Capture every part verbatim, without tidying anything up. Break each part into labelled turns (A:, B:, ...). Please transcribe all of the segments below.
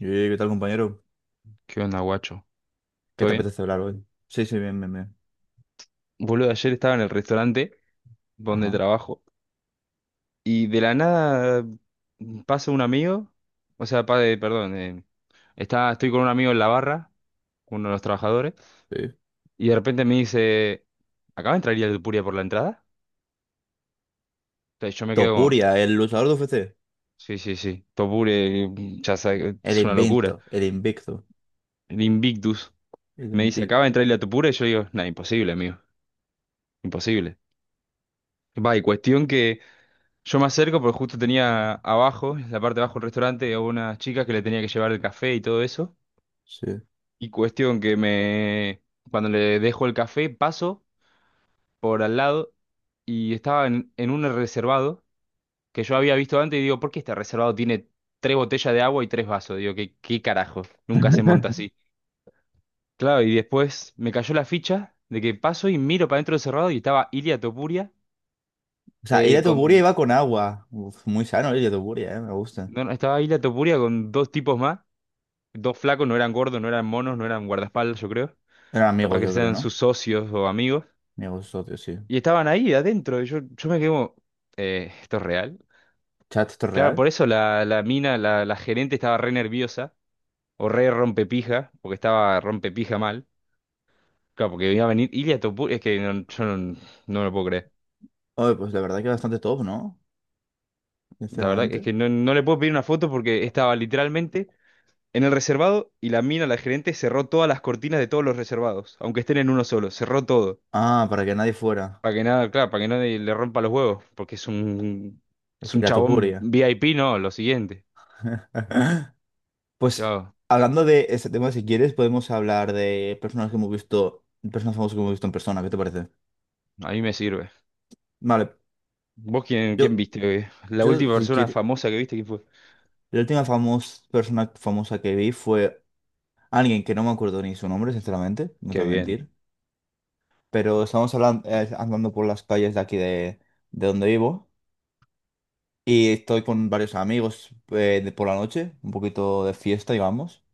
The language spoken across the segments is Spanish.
A: Eh, ¿qué tal, compañero?
B: ¿Qué onda, guacho?
A: ¿Qué
B: ¿Todo
A: te
B: bien?
A: apetece hablar hoy? Sí, sí, bien, bien, bien.
B: Boludo, ayer estaba en el restaurante donde
A: Ajá.
B: trabajo y de la nada mm, pasa un amigo, o sea, pa- eh, perdón, eh, está, estoy con un amigo en la barra, uno de los trabajadores,
A: Sí.
B: y de repente me dice, ¿acá entraría el Tupuria por la entrada? Entonces yo me quedo como,
A: Topuria, el luchador de U f c.
B: sí, sí, sí, Topure, mm, ya sabe,
A: El
B: es una locura.
A: invento, el invicto.
B: El Invictus
A: El
B: me dice,
A: invicto.
B: ¿acaba de entrar el Tupuria? Y yo digo, nada, imposible, amigo, imposible. Va, y cuestión que... Yo me acerco porque justo tenía abajo, en la parte de abajo del restaurante, a una chica que le tenía que llevar el café y todo eso.
A: Sí.
B: Y cuestión que me... Cuando le dejo el café, paso por al lado y estaba en, en un reservado que yo había visto antes y digo, ¿por qué este reservado tiene tres botellas de agua y tres vasos? Digo, ¿qué, qué carajo? Nunca se monta así. Claro, y después me cayó la ficha de que paso y miro para dentro del cerrado y estaba Ilia Topuria
A: O sea,
B: eh,
A: Ilia Topuria
B: con...
A: iba con agua. Uf, muy sano, Ilia Topuria, eh, me gusta.
B: no, no, estaba Ilia Topuria con dos tipos más. Dos flacos, no eran gordos, no eran monos, no eran guardaespaldas, yo creo.
A: Eran
B: Capaz
A: amigos,
B: que
A: yo creo,
B: sean sus
A: ¿no?
B: socios o amigos.
A: Amigos, socios, sí.
B: Y estaban ahí adentro. Y yo, yo me quedé como, eh, ¿esto es real?
A: Chat, ¿esto es
B: Claro, por
A: real?
B: eso la, la mina, la, la gerente estaba re nerviosa o re rompepija, porque estaba rompepija mal. Claro, porque iba a venir Ilia Topuria. Es que no, yo no, no lo puedo creer.
A: Oye, pues la verdad que bastante top, ¿no?
B: La verdad es
A: Sinceramente.
B: que no, no le puedo pedir una foto porque estaba literalmente en el reservado y la mina, la gerente, cerró todas las cortinas de todos los reservados, aunque estén en uno solo. Cerró todo.
A: Ah, para que nadie fuera.
B: Para que nada, claro, para que nadie le rompa los huevos, porque es un, es
A: Es
B: un
A: Ilia
B: chabón
A: Topuria.
B: VIP, no, lo siguiente.
A: Pues
B: Claro,
A: hablando de este tema, si quieres, podemos hablar de personas que hemos visto, personas famosas que hemos visto en persona, ¿qué te parece?
B: a mí me sirve.
A: Vale,
B: ¿Vos quién,
A: yo,
B: quién viste? eh? La
A: yo
B: última
A: si
B: persona
A: quieres,
B: famosa que viste, ¿quién fue?
A: la última famos- persona famosa que vi fue alguien que no me acuerdo ni su nombre, sinceramente, no te
B: Qué
A: voy a
B: bien.
A: mentir, pero estamos hablando, andando por las calles de aquí de, de donde vivo, y estoy con varios amigos, eh, de por la noche, un poquito de fiesta, digamos,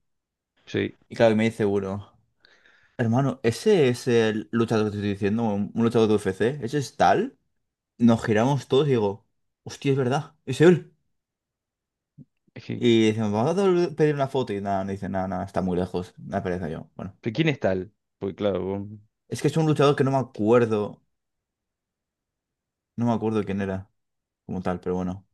B: Sí.
A: y claro, y me dice uno, hermano, ¿ese es el luchador que te estoy diciendo, un un luchador de U F C? ¿Ese es tal? Nos giramos todos y digo, hostia, es verdad, es él.
B: Es que,
A: Y decimos, vamos a dar- pedir una foto. Y nada, me dicen, nada, nada, está muy lejos. Me pereza yo. Bueno,
B: ¿pero quién es tal? Pues claro, vos-
A: es que es un luchador que no me acuerdo, no me acuerdo quién era como tal, pero bueno.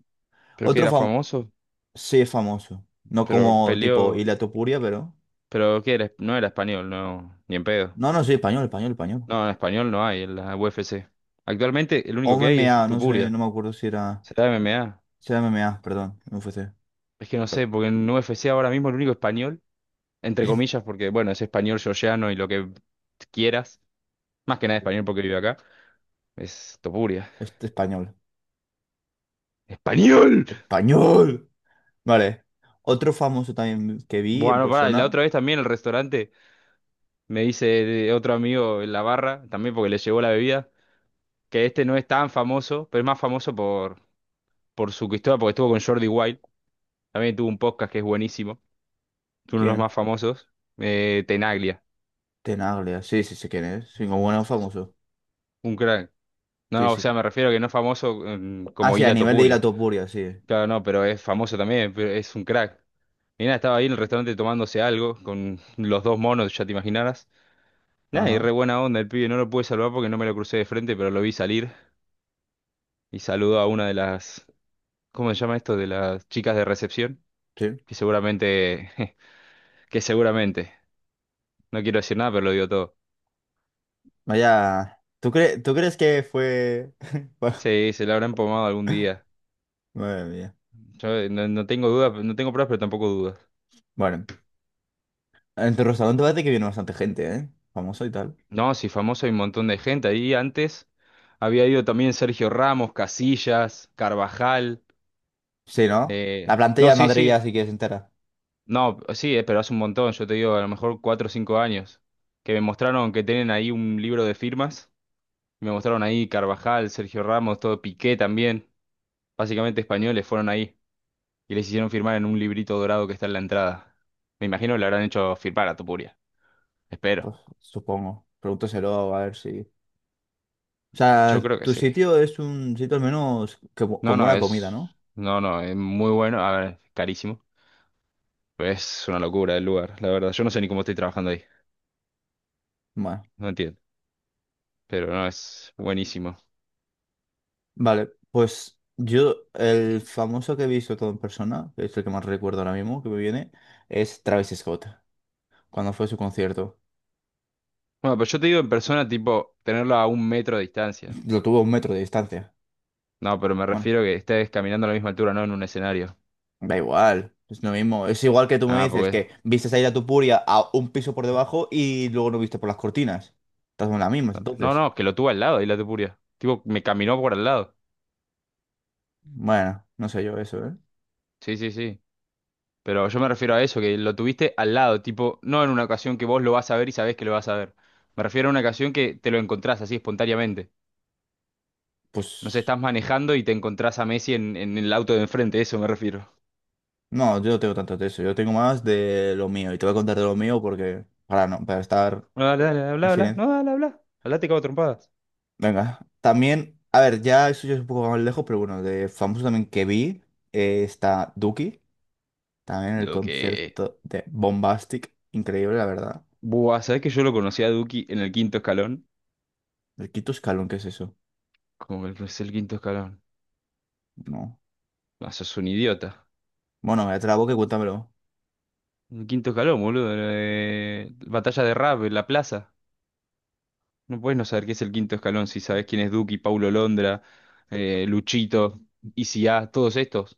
B: pero que
A: Otro
B: era
A: famoso,
B: famoso,
A: sí es famoso. No
B: pero
A: como tipo
B: peleó,
A: Ilia Topuria, pero.
B: pero que era, no era español, no, ni en pedo.
A: No, no, sí, español, español, español.
B: No, en español no hay en la U F C. Actualmente el
A: O
B: único que hay es
A: M M A, no sé,
B: Tupuria.
A: no me acuerdo si era.
B: Será M M A.
A: Si era M M A, perdón, no U F C.
B: Es que no sé, porque en U F C ahora mismo el único español entre comillas, porque bueno, es español georgiano y lo que quieras, más que nada español porque vive acá, es Topuria.
A: Este español.
B: ¡Español!
A: ¡Español! Vale. Otro famoso también que vi en
B: Bueno, pará, la
A: persona.
B: otra vez también el restaurante me dice de otro amigo en la barra, también porque le llevó la bebida, que este no es tan famoso, pero es más famoso por, por su historia, porque estuvo con Jordi Wild, también tuvo un podcast que es buenísimo, es uno de los
A: ¿Quién?
B: más famosos, eh, Tenaglia,
A: Tenaglia, sí, sí sé quién es. Sí, como bueno, famoso.
B: un crack. No,
A: Sí,
B: no, o
A: sí.
B: sea, me refiero a que no es famoso mm,
A: Ah,
B: como
A: sí, a
B: Ilia
A: nivel de ir a
B: Topuria.
A: Topuria, sí.
B: Claro, no, pero es famoso también, pero es un crack. Y nada, estaba ahí en el restaurante tomándose algo con los dos monos, ya te imaginarás. Nada, y
A: Ajá,
B: re buena onda el pibe, no lo pude saludar porque no me lo crucé de frente, pero lo vi salir y saludó a una de las, ¿cómo se llama esto? De las chicas de recepción,
A: sí.
B: que seguramente, que seguramente, no quiero decir nada, pero lo digo todo.
A: Vaya. ¿Tú, cre- tú crees que fue.
B: Sí, se la habrán pomado algún día.
A: Bueno, madre mía.
B: Yo eh, no, no tengo dudas, no tengo pruebas, pero tampoco dudas.
A: Bueno, en tu restaurante parece que viene bastante gente, ¿eh? Famoso y tal.
B: No, sí, famoso hay un montón de gente. Ahí antes había ido también Sergio Ramos, Casillas, Carvajal.
A: Sí, ¿no? La
B: eh,
A: plantilla
B: No,
A: de
B: sí,
A: Madrid
B: sí.
A: ya sí que es entera.
B: No, sí, eh, pero hace un montón, yo te digo, a lo mejor cuatro o cinco años, que me mostraron que tienen ahí un libro de firmas, me mostraron ahí Carvajal, Sergio Ramos, todo Piqué también, básicamente españoles fueron ahí y les hicieron firmar en un librito dorado que está en la entrada. Me imagino que le habrán hecho firmar a Tupuria, espero,
A: Pues supongo. Pregúntaselo, a ver. Si. O
B: yo
A: sea,
B: creo que
A: tu
B: sí.
A: sitio es un sitio al menos que,
B: No,
A: como
B: no,
A: la comida,
B: es,
A: ¿no?
B: no, no, es muy bueno, a ver, carísimo, pero es una locura el lugar, la verdad, yo no sé ni cómo estoy trabajando ahí,
A: Bueno.
B: no entiendo, pero no, es buenísimo.
A: Vale, pues yo el famoso que he visto todo en persona, que es el que más recuerdo ahora mismo que me viene, es Travis Scott, cuando fue a su concierto.
B: Bueno, pero yo te digo en persona, tipo, tenerlo a un metro de distancia.
A: Lo tuvo a un metro de distancia.
B: No, pero me
A: Bueno,
B: refiero que estés caminando a la misma altura, no en un escenario.
A: da igual, es lo mismo. Es igual que tú me
B: Nada,
A: dices
B: porque...
A: que viste salir a tu puria a un piso por debajo y luego no viste por las cortinas. Estás en las mismas,
B: No, no,
A: entonces.
B: no, que lo tuve al lado, y la Tupuria. Tipo, me caminó por al lado.
A: Bueno, no sé yo eso, ¿eh?
B: Sí, sí, sí. Pero yo me refiero a eso, que lo tuviste al lado, tipo, no en una ocasión que vos lo vas a ver y sabés que lo vas a ver. Me refiero a una ocasión que te lo encontrás así espontáneamente. No sé,
A: Pues
B: estás manejando y te encontrás a Messi en, en el auto de enfrente, eso me refiero.
A: no, yo no tengo tanto de eso. Yo tengo más de lo mío y te voy a contar de lo mío porque para no, para estar
B: No, dale, dale,
A: en
B: habla, habla.
A: silencio.
B: No, dale, habla. Habla, te cago a trompadas.
A: Venga, también, a ver, ya eso ya es un poco más lejos, pero bueno, de famoso también que vi, eh, está Duki, también el
B: Lo que...
A: concierto de Bombastic, increíble, la verdad.
B: Buah, ¿sabés que yo lo conocí a Duki en el quinto escalón?
A: El Quito Escalón, ¿qué es eso?
B: Como que es el quinto escalón.
A: No.
B: No, sos un idiota.
A: Bueno, me trabo, que cuéntamelo.
B: El quinto escalón, boludo. Eh, batalla de rap en la plaza. No puedes no saber qué es el quinto escalón si sabes quién es Duki, Paulo Londra, eh, Luchito, Easy a todos estos.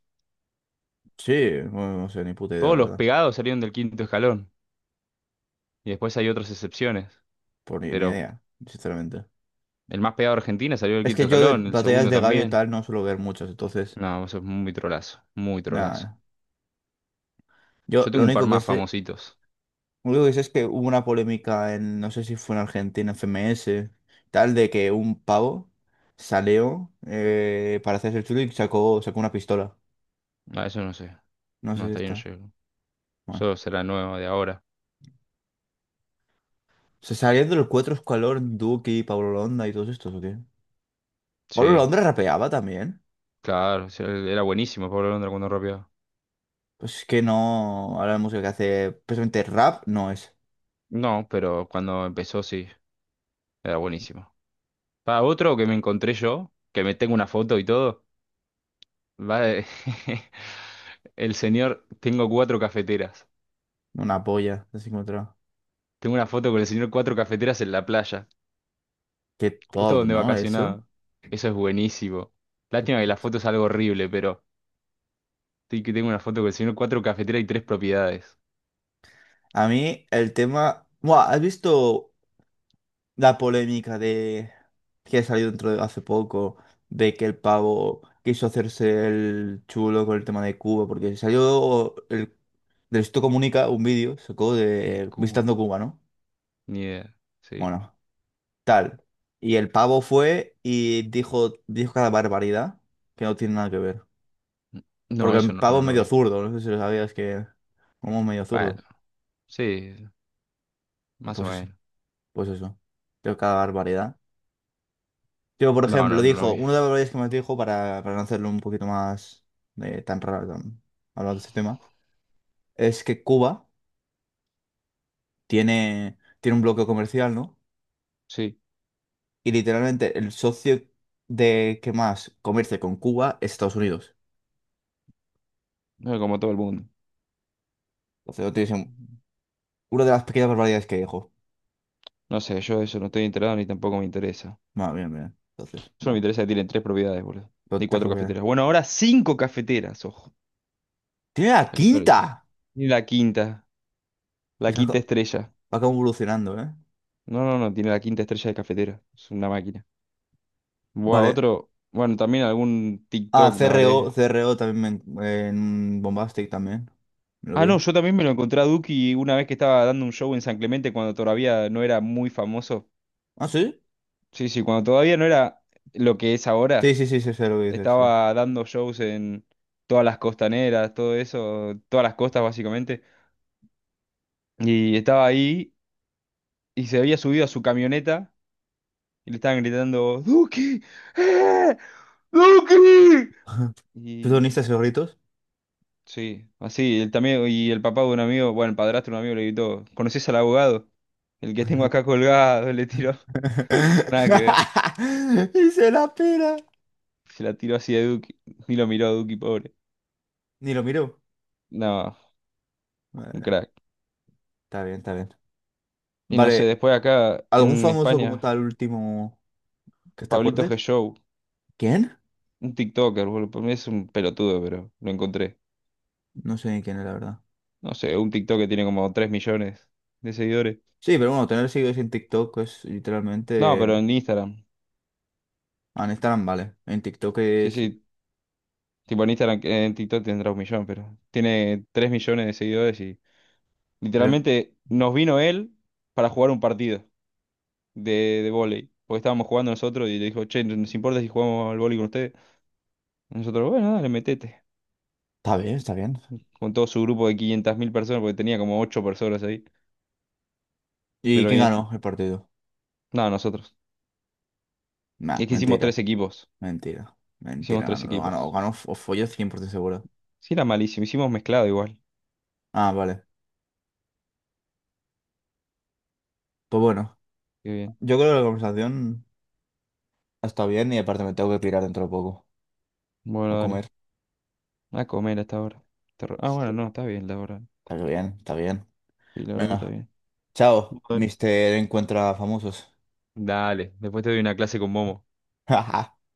A: Sí, bueno, no sé, ni puta idea, la
B: Todos los
A: verdad.
B: pegados salieron del quinto escalón. Y después hay otras excepciones.
A: Por ni, ni
B: Pero
A: idea, sinceramente.
B: el más pegado de Argentina salió del
A: Es
B: quinto
A: que yo de
B: escalón, el
A: batallas
B: segundo
A: de gallo y
B: también.
A: tal no suelo ver muchas, entonces,
B: No, eso es muy trolazo, muy trolazo.
A: nada. Yo
B: Yo
A: lo
B: tengo un par
A: único que
B: más
A: sé.
B: famositos.
A: Lo único que sé es que hubo una polémica en, no sé si fue en Argentina, F M S, tal, de que un pavo salió, eh, para hacerse el chulo y sacó, sacó una pistola.
B: Ah, eso no sé.
A: No
B: No,
A: sé si
B: hasta ahí no
A: está.
B: llego.
A: Bueno.
B: Solo será nuevo de ahora.
A: ¿Se salían de los cuatro escalón, Duki, Pablo Londra y todos estos o qué? ¿Pablo
B: Sí,
A: Londra rapeaba también?
B: claro. Sí, él era buenísimo Pablo Londra cuando rapeaba.
A: Pues es que no. Ahora la música que hace, precisamente rap, no es.
B: No, pero cuando empezó sí, era buenísimo. Para otro que me encontré yo, que me tengo una foto y todo, va de- el señor, tengo cuatro cafeteras.
A: Una polla, así como otra.
B: Tengo una foto con el señor cuatro cafeteras en la playa,
A: Qué
B: justo
A: pop,
B: donde
A: ¿no? Eso.
B: vacacionaba. Eso es buenísimo.
A: Qué
B: Lástima que la
A: puto.
B: foto es algo horrible, pero sí que tengo una foto con el señor cuatro cafeteras y tres propiedades.
A: A mí, el tema. Buah, ¿has visto la polémica de que salió dentro de hace poco, de que el pavo quiso hacerse el chulo con el tema de Cuba, porque salió el del Instituto Comunica un vídeo, sacó
B: De
A: de visitando
B: Cuba.
A: Cuba, ¿no?
B: Ni idea. Sí.
A: Bueno, tal. Y el pavo fue y dijo, dijo cada barbaridad que no tiene nada que ver.
B: No,
A: Porque
B: eso
A: el
B: no,
A: pavo es
B: no lo
A: medio
B: vi.
A: zurdo, no sé si lo sabías, que como medio
B: Bueno,
A: zurdo.
B: sí,
A: Y
B: más o
A: pues eso,
B: menos.
A: pues eso. Dijo cada barbaridad. Yo, por
B: No,
A: ejemplo,
B: no, no lo
A: dijo,
B: vi.
A: uno de los valores que me dijo para, para, no hacerlo un poquito más, eh, tan raro, tan- hablando de este tema, es que Cuba tiene, tiene un bloqueo comercial, ¿no?
B: Sí,
A: Y literalmente el socio de que más comercia con Cuba es Estados Unidos.
B: no, como todo el mundo.
A: Entonces, no tiene, una de las pequeñas barbaridades que dijo.
B: No sé, yo eso no estoy enterado ni tampoco me interesa.
A: Bueno, bien, bien. Entonces,
B: Solo me
A: bueno,
B: interesa que tienen tres propiedades, boludo. Y
A: otra
B: cuatro
A: propiedad.
B: cafeteras. Bueno, ahora cinco cafeteras, ojo.
A: ¡Tiene la
B: La que tú dices.
A: quinta!
B: Y la quinta, la
A: Es que
B: quinta
A: aca-
B: estrella.
A: Va como evolucionando, ¿eh?
B: No, no, no, tiene la quinta estrella de cafetera. Es una máquina. Buah,
A: Vale.
B: otro. Bueno, también algún
A: Ah,
B: TikTok
A: C
B: me
A: R
B: habré.
A: O C R O también me, en Bombastic también. Me lo
B: Ah, no,
A: vi.
B: yo también me lo encontré a Duki una vez que estaba dando un show en San Clemente cuando todavía no era muy famoso.
A: ¿Ah, sí?
B: Sí, sí, cuando todavía no era lo que es ahora,
A: Sí, sí, sí, sí, sé lo que dices, sí.
B: estaba dando shows en todas las costaneras, todo eso, todas las costas básicamente, y estaba ahí y se había subido a su camioneta y le estaban gritando, ¡Duki! ¡Eh! ¡Duki! Y
A: ¿Protagonistas gorritos?
B: sí, así, él también, y el papá de un amigo, bueno, el padrastro de un amigo le gritó, ¿conoces al abogado? El que tengo acá colgado, le tiró, nada que ver,
A: Hice la pera.
B: se la tiró así a Duki, y lo miró a Duki, pobre.
A: Ni lo miró.
B: No, un
A: Vale,
B: crack.
A: está bien, está bien.
B: Y no sé,
A: Vale,
B: después acá
A: ¿algún
B: en
A: famoso como
B: España,
A: tal último que te
B: Pablito G.
A: acuerdes?
B: Show,
A: ¿Quién?
B: un TikToker, boludo, por mí es un pelotudo, pero lo encontré.
A: No sé ni quién es, la verdad.
B: No sé, un TikTok que tiene como tres millones de seguidores.
A: Sí, pero bueno, tener seguidores en TikTok es
B: No,
A: literalmente...
B: pero en Instagram.
A: Ah, en Instagram, vale. En TikTok
B: Sí,
A: es...
B: sí, tipo en Instagram, que en TikTok tendrá un millón, pero tiene tres millones de seguidores y
A: Pero...
B: literalmente nos vino él para jugar un partido de, de vóley. Porque estábamos jugando nosotros y le dijo, che, ¿nos importa si jugamos al vóley con ustedes? Y nosotros, bueno, dale, metete.
A: Está bien, está bien.
B: Con todo su grupo de quinientas mil personas, porque tenía como ocho personas ahí.
A: ¿Y
B: Pero
A: quién
B: bien.
A: ganó el partido?
B: No, nosotros.
A: Nah,
B: Es que hicimos
A: mentira,
B: tres equipos.
A: mentira,
B: Hicimos
A: mentira.
B: tres
A: Ganó, ganó,
B: equipos.
A: ganó F- Follo cien por ciento seguro.
B: Sí, era malísimo. Hicimos mezclado igual.
A: Ah, vale. Pues bueno.
B: Qué bien.
A: Yo creo que la conversación está bien y aparte me tengo que pirar dentro de poco a
B: Bueno, dale.
A: comer.
B: A comer hasta ahora. Ah, bueno,
A: Sí.
B: no, está bien la hora.
A: Está bien, está bien.
B: Sí, la verdad que está
A: Venga,
B: bien.
A: chao,
B: Dale.
A: Mister Encuentra Famosos.
B: Dale, después te doy una clase con Momo.